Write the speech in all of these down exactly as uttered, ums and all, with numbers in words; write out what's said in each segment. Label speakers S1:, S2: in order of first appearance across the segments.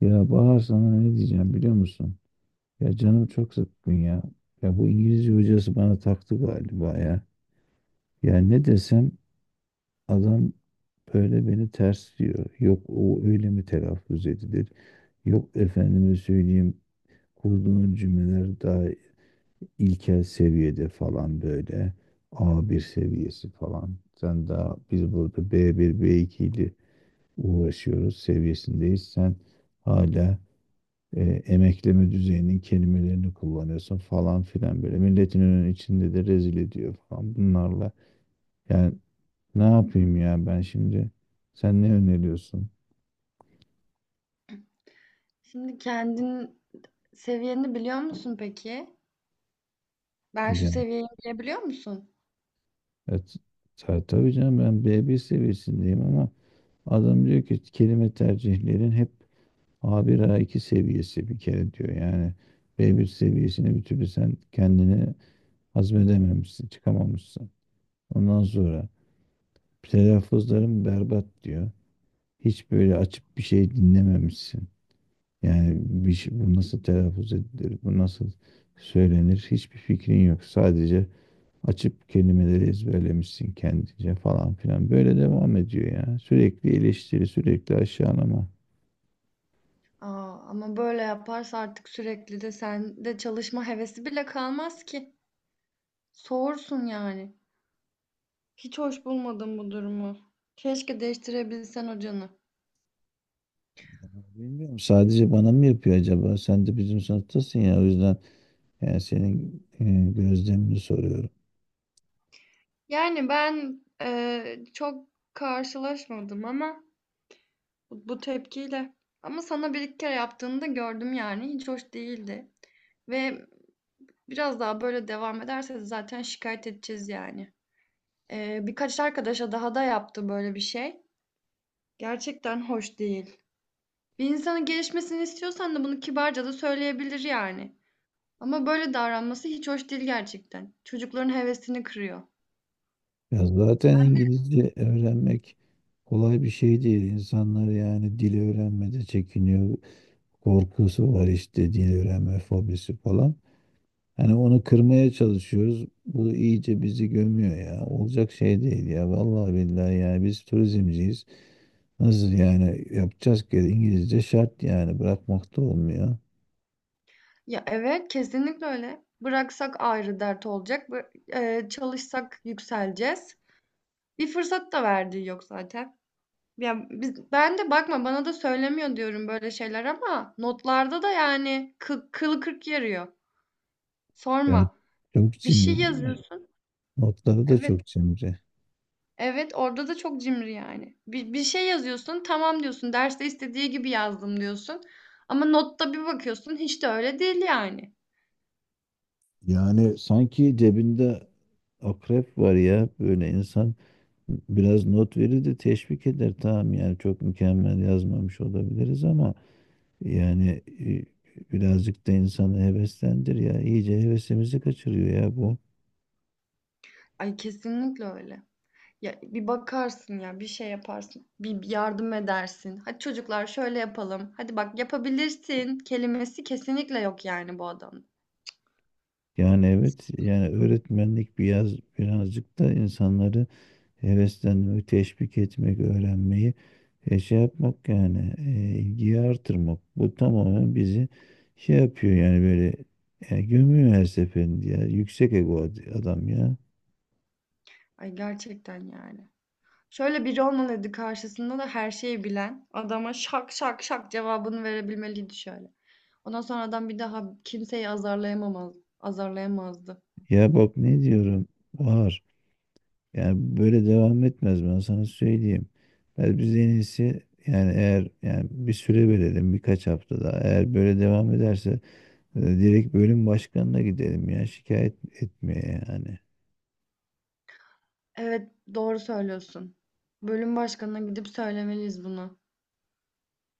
S1: Ya Bahar, sana ne diyeceğim biliyor musun? Ya canım çok sıkkın ya. Ya bu İngilizce hocası bana taktı galiba ya. Ya ne desem adam böyle beni ters diyor. Yok, o öyle mi telaffuz edilir? Yok, efendime söyleyeyim, kurduğun cümleler daha ilkel seviyede falan böyle. A bir seviyesi falan. Sen daha biz burada b bir, b iki ile uğraşıyoruz seviyesindeyiz. Sen hala e, emekleme düzeyinin kelimelerini kullanıyorsun falan filan böyle. Milletin önünün içinde de rezil ediyor falan bunlarla. Yani ne yapayım ya ben şimdi? Sen ne öneriyorsun?
S2: Şimdi kendin seviyeni biliyor musun peki? Ben şu
S1: Ya
S2: seviyeyim diyebiliyor musun?
S1: evet, ta- tabii canım, ben b bir seviyesindeyim ama adam diyor ki kelime tercihlerin hep a bir, a iki seviyesi bir kere diyor. Yani b bir seviyesini bir türlü sen kendini hazmedememişsin, çıkamamışsın. Ondan sonra telaffuzlarım berbat diyor. Hiç böyle açıp bir şey dinlememişsin. Yani bir şey, bu nasıl telaffuz edilir, bu nasıl söylenir hiçbir fikrin yok. Sadece açıp kelimeleri ezberlemişsin kendince falan filan. Böyle devam ediyor ya. Sürekli eleştiri, sürekli aşağılama.
S2: Aa, Ama böyle yaparsa artık sürekli de sende çalışma hevesi bile kalmaz ki. Soğursun yani. Hiç hoş bulmadım bu durumu. Keşke değiştirebilsen hocanı.
S1: Bilmiyorum, sadece bana mı yapıyor acaba? Sen de bizim sınıftasın ya, o yüzden yani senin e, gözlemini soruyorum.
S2: Yani ben eee, çok karşılaşmadım ama bu, bu tepkiyle. Ama sana bir iki kere yaptığını da gördüm yani. Hiç hoş değildi. Ve Biraz daha böyle devam ederse zaten şikayet edeceğiz yani. Eee, birkaç arkadaşa daha da yaptı böyle bir şey. Gerçekten hoş değil. Bir insanın gelişmesini istiyorsan da bunu kibarca da söyleyebilir yani. Ama böyle davranması hiç hoş değil gerçekten. Çocukların hevesini kırıyor.
S1: Ya zaten İngilizce öğrenmek kolay bir şey değil. İnsanlar yani dili öğrenmede çekiniyor, korkusu var, işte dil öğrenme fobisi falan. Hani onu kırmaya çalışıyoruz. Bu iyice bizi gömüyor ya. Olacak şey değil ya. Vallahi billahi yani biz turizmciyiz. Nasıl yani yapacağız ki, İngilizce şart yani, bırakmak da olmuyor.
S2: Ya evet, kesinlikle öyle. Bıraksak ayrı dert olacak. Bı- e, çalışsak yükseleceğiz. Bir fırsat da verdiği yok zaten. Ya biz, ben de bakma bana da söylemiyor diyorum böyle şeyler ama notlarda da yani kı, kılı kırk yarıyor.
S1: Yani
S2: Sorma.
S1: çok
S2: Bir şey
S1: cimri değil mi?
S2: yazıyorsun.
S1: Notları da
S2: Evet.
S1: çok cimri.
S2: Evet orada da çok cimri yani. Bir, bir şey yazıyorsun, tamam diyorsun. Derste istediği gibi yazdım diyorsun. Ama notta bir bakıyorsun hiç de öyle değil yani.
S1: Yani sanki cebinde akrep var ya, böyle insan biraz not verir de teşvik eder, tamam yani çok mükemmel yazmamış olabiliriz ama. Yani, e, birazcık da insanı heveslendir ya. İyice hevesimizi kaçırıyor ya bu.
S2: Ay kesinlikle öyle. Ya bir bakarsın, ya bir şey yaparsın. Bir bir yardım edersin. Hadi çocuklar şöyle yapalım. Hadi bak, yapabilirsin kelimesi kesinlikle yok yani bu adamda.
S1: Yani evet yani, öğretmenlik biraz, birazcık da insanları heveslenmek, teşvik etmek, öğrenmeyi, e, şey yapmak yani, e, ilgiyi artırmak. Bu tamamen bizi şey yapıyor yani, böyle, e, gömüyor her seferinde ya. Yüksek ego ad- adam ya.
S2: Ay gerçekten yani. Şöyle biri olmalıydı karşısında, da her şeyi bilen adama şak şak şak cevabını verebilmeliydi şöyle. Ondan sonra adam bir daha kimseyi azarlayamamaz, azarlayamazdı.
S1: Ya bak ne diyorum var. Yani böyle devam etmez, ben sana söyleyeyim. Ben biz en iyisi yani, eğer yani bir süre verelim, birkaç hafta daha. Eğer böyle devam ederse e, direkt bölüm başkanına gidelim ya, şikayet etmeye yani.
S2: Evet, doğru söylüyorsun. Bölüm başkanına gidip söylemeliyiz bunu.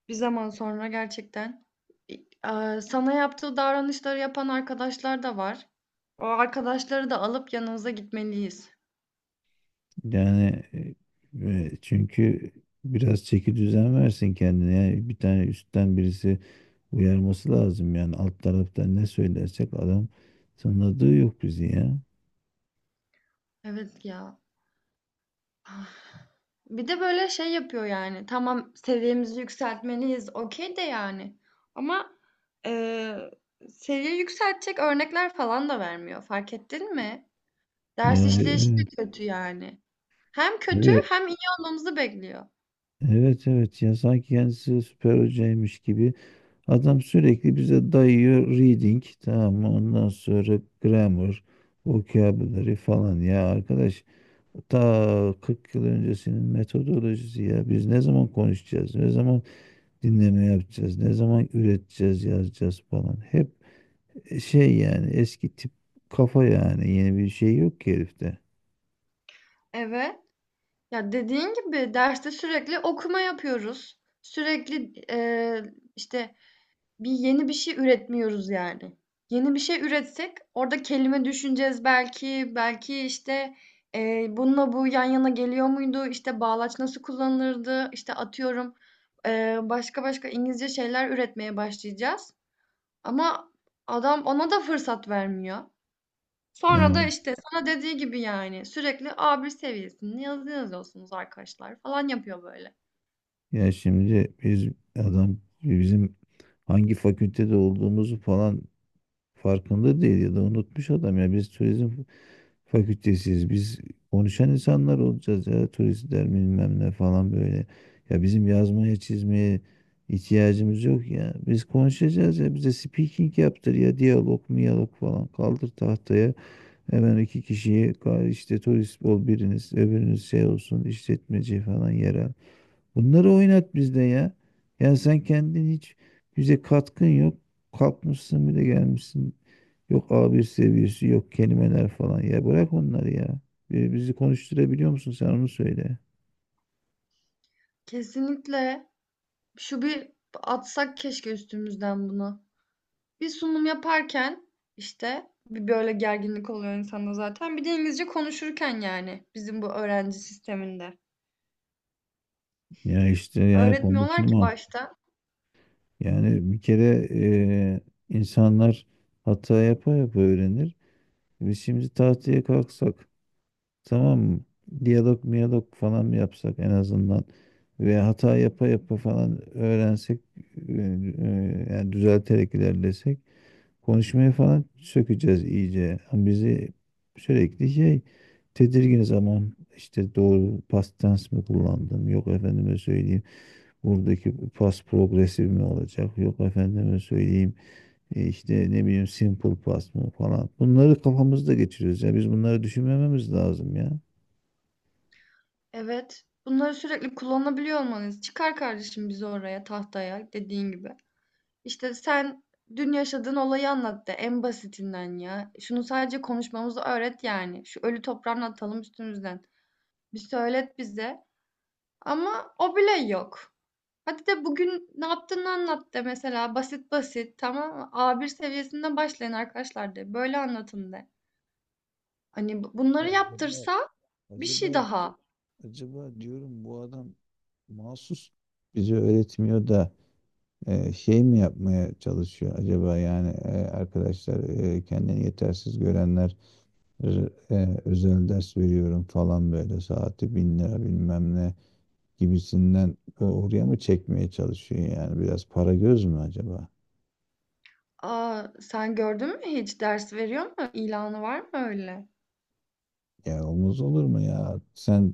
S2: Bir zaman sonra gerçekten eee, sana yaptığı davranışları yapan arkadaşlar da var. O arkadaşları da alıp yanınıza gitmeliyiz.
S1: Yani e, e, çünkü biraz çeki düzen versin kendine. Yani bir tane üstten birisi uyarması lazım yani, alt taraftan ne söylersek adam tanıdığı yok bizi ya.
S2: Evet ya. Ah. Bir de böyle şey yapıyor yani. Tamam, seviyemizi yükseltmeliyiz. Okey de yani. Ama eee seviye yükseltecek örnekler falan da vermiyor. Fark ettin mi? Ders işleyişi
S1: Yani
S2: de kötü yani. Hem kötü
S1: evet.
S2: hem iyi olmamızı bekliyor.
S1: Evet evet, ya sanki kendisi süper hocaymış gibi. Adam sürekli bize dayıyor reading, tamam mı? Ondan sonra grammar, vocabulary falan ya arkadaş. Ta kırk yıl öncesinin metodolojisi ya. Biz ne zaman konuşacağız? Ne zaman dinleme yapacağız? Ne zaman üreteceğiz, yazacağız falan. Hep şey yani, eski tip kafa yani. Yeni bir şey yok ki herifte.
S2: Evet. Ya dediğin gibi derste sürekli okuma yapıyoruz. Sürekli eee, işte bir yeni bir şey üretmiyoruz yani. Yeni bir şey üretsek orada kelime düşüneceğiz belki. Belki işte eee, bununla bu yan yana geliyor muydu? İşte bağlaç nasıl kullanılırdı? İşte atıyorum eee, başka başka İngilizce şeyler üretmeye başlayacağız. Ama adam ona da fırsat vermiyor.
S1: Ya,
S2: Sonra da işte sana dediği gibi yani sürekli A bir seviyesinde yazı yazıyorsunuz arkadaşlar falan yapıyor böyle.
S1: ya şimdi biz, adam bizim hangi fakültede olduğumuzu falan farkında değil ya da unutmuş adam ya, biz turizm fakültesiyiz, biz konuşan insanlar olacağız ya, turistler bilmem ne falan böyle. Ya bizim yazmaya çizmeye ihtiyacımız yok ya, biz konuşacağız ya. Bize speaking yaptır ya, diyalog miyalog falan, kaldır tahtaya hemen iki kişiyi, ka- işte turist ol biriniz, öbürünüz şey olsun, işletmeci falan, yerel. Bunları oynat bizde ya. Ya sen kendin hiç bize katkın yok. Kalkmışsın bir de gelmişsin. Yok a bir seviyesi, yok kelimeler falan. Ya bırak onları ya. Bi- Bizi konuşturabiliyor musun sen, onu söyle.
S2: Kesinlikle şu bir atsak keşke üstümüzden bunu. Bir sunum yaparken işte bir böyle gerginlik oluyor insanda zaten. Bir de İngilizce konuşurken yani bizim bu öğrenci sisteminde.
S1: Ya işte yani
S2: Öğretmiyorlar ki
S1: konuşma.
S2: başta.
S1: Yani bir kere e, insanlar hata yapa yapa öğrenir. Biz şimdi tahtaya kalksak, tamam mı? Diyalog miyalog falan mı yapsak en azından, ve hata yapa yapa falan öğrensek, e, e, yani düzelterek ilerlesek, konuşmayı falan sökeceğiz iyice. Ama bizi sürekli şey, tedirgin zaman, işte doğru past tense mi kullandım, yok efendime söyleyeyim buradaki past progresif mi olacak, yok efendime söyleyeyim e, işte ne bileyim simple past mı falan, bunları kafamızda geçiriyoruz ya, biz bunları düşünmememiz lazım ya.
S2: Evet. Bunları sürekli kullanabiliyor olmanız. Çıkar kardeşim bizi oraya tahtaya, dediğin gibi. İşte sen dün yaşadığın olayı anlat de en basitinden ya. Şunu sadece konuşmamızı öğret yani. Şu ölü toprağını atalım üstümüzden. Bir söylet bize. Ama o bile yok. Hadi de bugün ne yaptığını anlat de mesela, basit basit, tamam mı? A bir seviyesinden başlayın arkadaşlar de. Böyle anlatın de. Hani bu-
S1: Ya
S2: bunları
S1: acaba,
S2: yaptırsa bir
S1: acaba
S2: şey daha.
S1: acaba diyorum, bu adam mahsus bize öğretmiyor da e, şey mi yapmaya çalışıyor acaba yani, e, arkadaşlar, e, kendini yetersiz görenler, e, özel ders veriyorum falan, böyle saati bin lira bilmem ne gibisinden o- oraya mı çekmeye çalışıyor yani, biraz para göz mü acaba?
S2: Aa, sen gördün mü, hiç ders veriyor mu? İlanı var mı öyle?
S1: Ya olmaz olur mu ya? Sen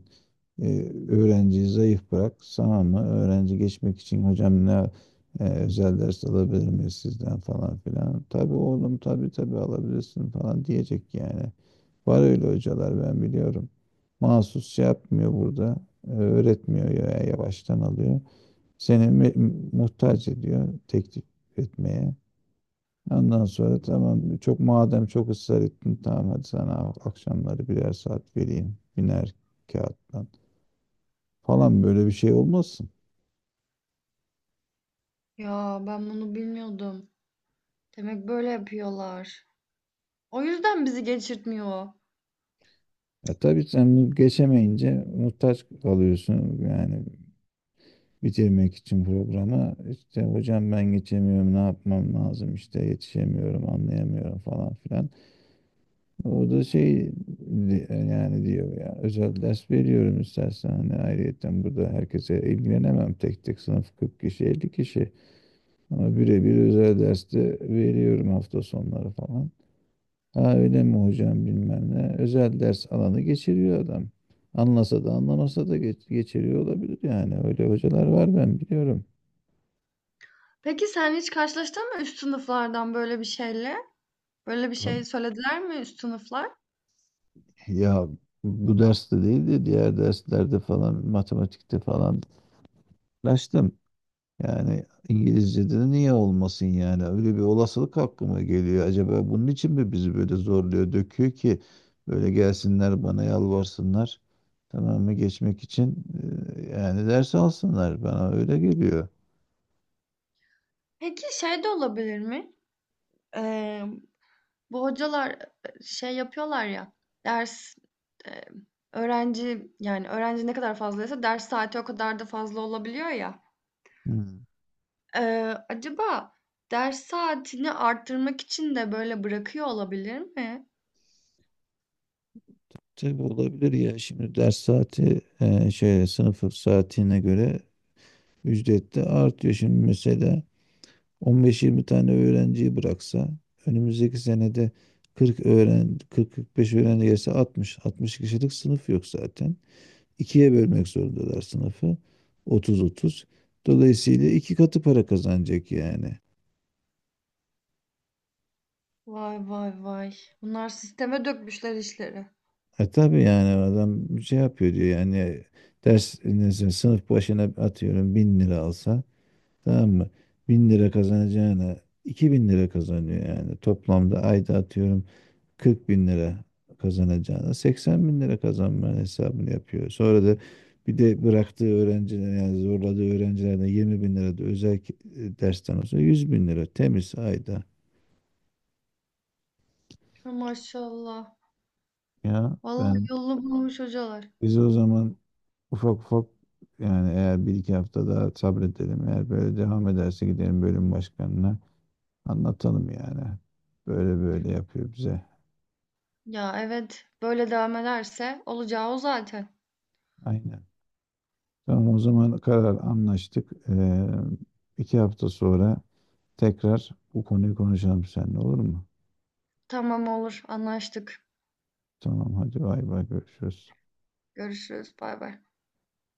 S1: e, öğrenciyi zayıf bırak. Sana mı? Öğrenci geçmek için, hocam ne, e, özel ders alabilir miyiz sizden falan filan. Tabii oğlum, tabii tabii alabilirsin falan diyecek yani. Var öyle hocalar, ben biliyorum. Mahsus şey yapmıyor burada. e, Öğretmiyor ya, yavaştan alıyor. Seni me- muhtaç ediyor teklif etmeye. Ondan sonra tamam, çok madem çok ısrar ettin tamam, hadi sana akşamları birer saat vereyim, biner kağıttan falan, böyle bir şey olmasın.
S2: Ya ben bunu bilmiyordum. Demek böyle yapıyorlar. O yüzden bizi geçirtmiyor o.
S1: Ya tabii, sen bu geçemeyince muhtaç kalıyorsun yani, bitirmek için programı, işte hocam ben geçemiyorum, ne yapmam lazım, işte yetişemiyorum, anlayamıyorum falan filan. O da şey, di- yani diyor ya, özel ders veriyorum istersen, hani ayrıyeten burada herkese ilgilenemem tek tek, sınıf kırk kişi, elli kişi. Ama birebir özel derste veriyorum hafta sonları falan. Ha öyle mi hocam, bilmem ne. Özel ders alanı geçiriyor adam. Anlasa da anlamasa da geç- geçiriyor olabilir yani. Öyle hocalar var, ben biliyorum.
S2: Peki sen hiç karşılaştın mı üst sınıflardan böyle bir şeyle? Böyle bir şey
S1: Tabii.
S2: söylediler mi üst sınıflar?
S1: Ya bu derste değil de diğer derslerde falan, matematikte falan uğraştım. Yani İngilizce'de de niye olmasın yani? Öyle bir olasılık aklıma geliyor. Acaba bunun için mi bizi böyle zorluyor, döküyor ki böyle gelsinler bana yalvarsınlar? Tamam mı? Geçmek için e, yani ders alsınlar. Bana öyle geliyor.
S2: Peki şey de olabilir mi? Emm, Bu hocalar şey yapıyorlar ya, ders, eee, öğrenci, yani, öğrenci ne kadar fazlaysa ders saati o kadar da fazla olabiliyor ya.
S1: Hmm.
S2: Eee, acaba ders saatini arttırmak için de böyle bırakıyor olabilir mi?
S1: Tabii olabilir ya. Şimdi ders saati e, şöyle, sınıf saatine göre ücret de artıyor. Şimdi mesela on beş yirmi tane öğrenciyi bıraksa önümüzdeki senede kırk öğren kırk kırk beş öğrenci gelse, altmış altmış kişilik sınıf yok zaten. İkiye bölmek zorundalar sınıfı. otuz otuz. Dolayısıyla iki katı para kazanacak yani.
S2: Vay vay vay. Bunlar sisteme dökmüşler işleri.
S1: E tabii yani, adam şey yapıyor diyor yani, ders neyse, sınıf başına atıyorum bin lira alsa, tamam mı? Bin lira kazanacağına iki bin lira kazanıyor yani. Toplamda ayda atıyorum kırk bin lira kazanacağına seksen bin lira kazanmanın hesabını yapıyor. Sonra da bir de bıraktığı öğrenciler yani zorladığı öğrencilerden yirmi bin lira da özel ki- e, dersten olsa, yüz bin lira temiz ayda.
S2: Ya, maşallah.
S1: Ya
S2: Vallahi
S1: ben
S2: yolunu bulmuş hocalar.
S1: biz o zaman ufak ufak, yani eğer bir iki hafta daha sabredelim, eğer böyle devam ederse gidelim bölüm başkanına anlatalım yani. Böyle böyle yapıyor bize.
S2: Ya, evet, böyle devam ederse olacağı o zaten.
S1: Aynen. Tamam, o zaman karar, anlaştık. Ee, iki hafta sonra tekrar bu konuyu konuşalım seninle, olur mu?
S2: Tamam, olur, anlaştık.
S1: Tamam hadi, bay bay, görüşürüz.
S2: Görüşürüz, bay bay.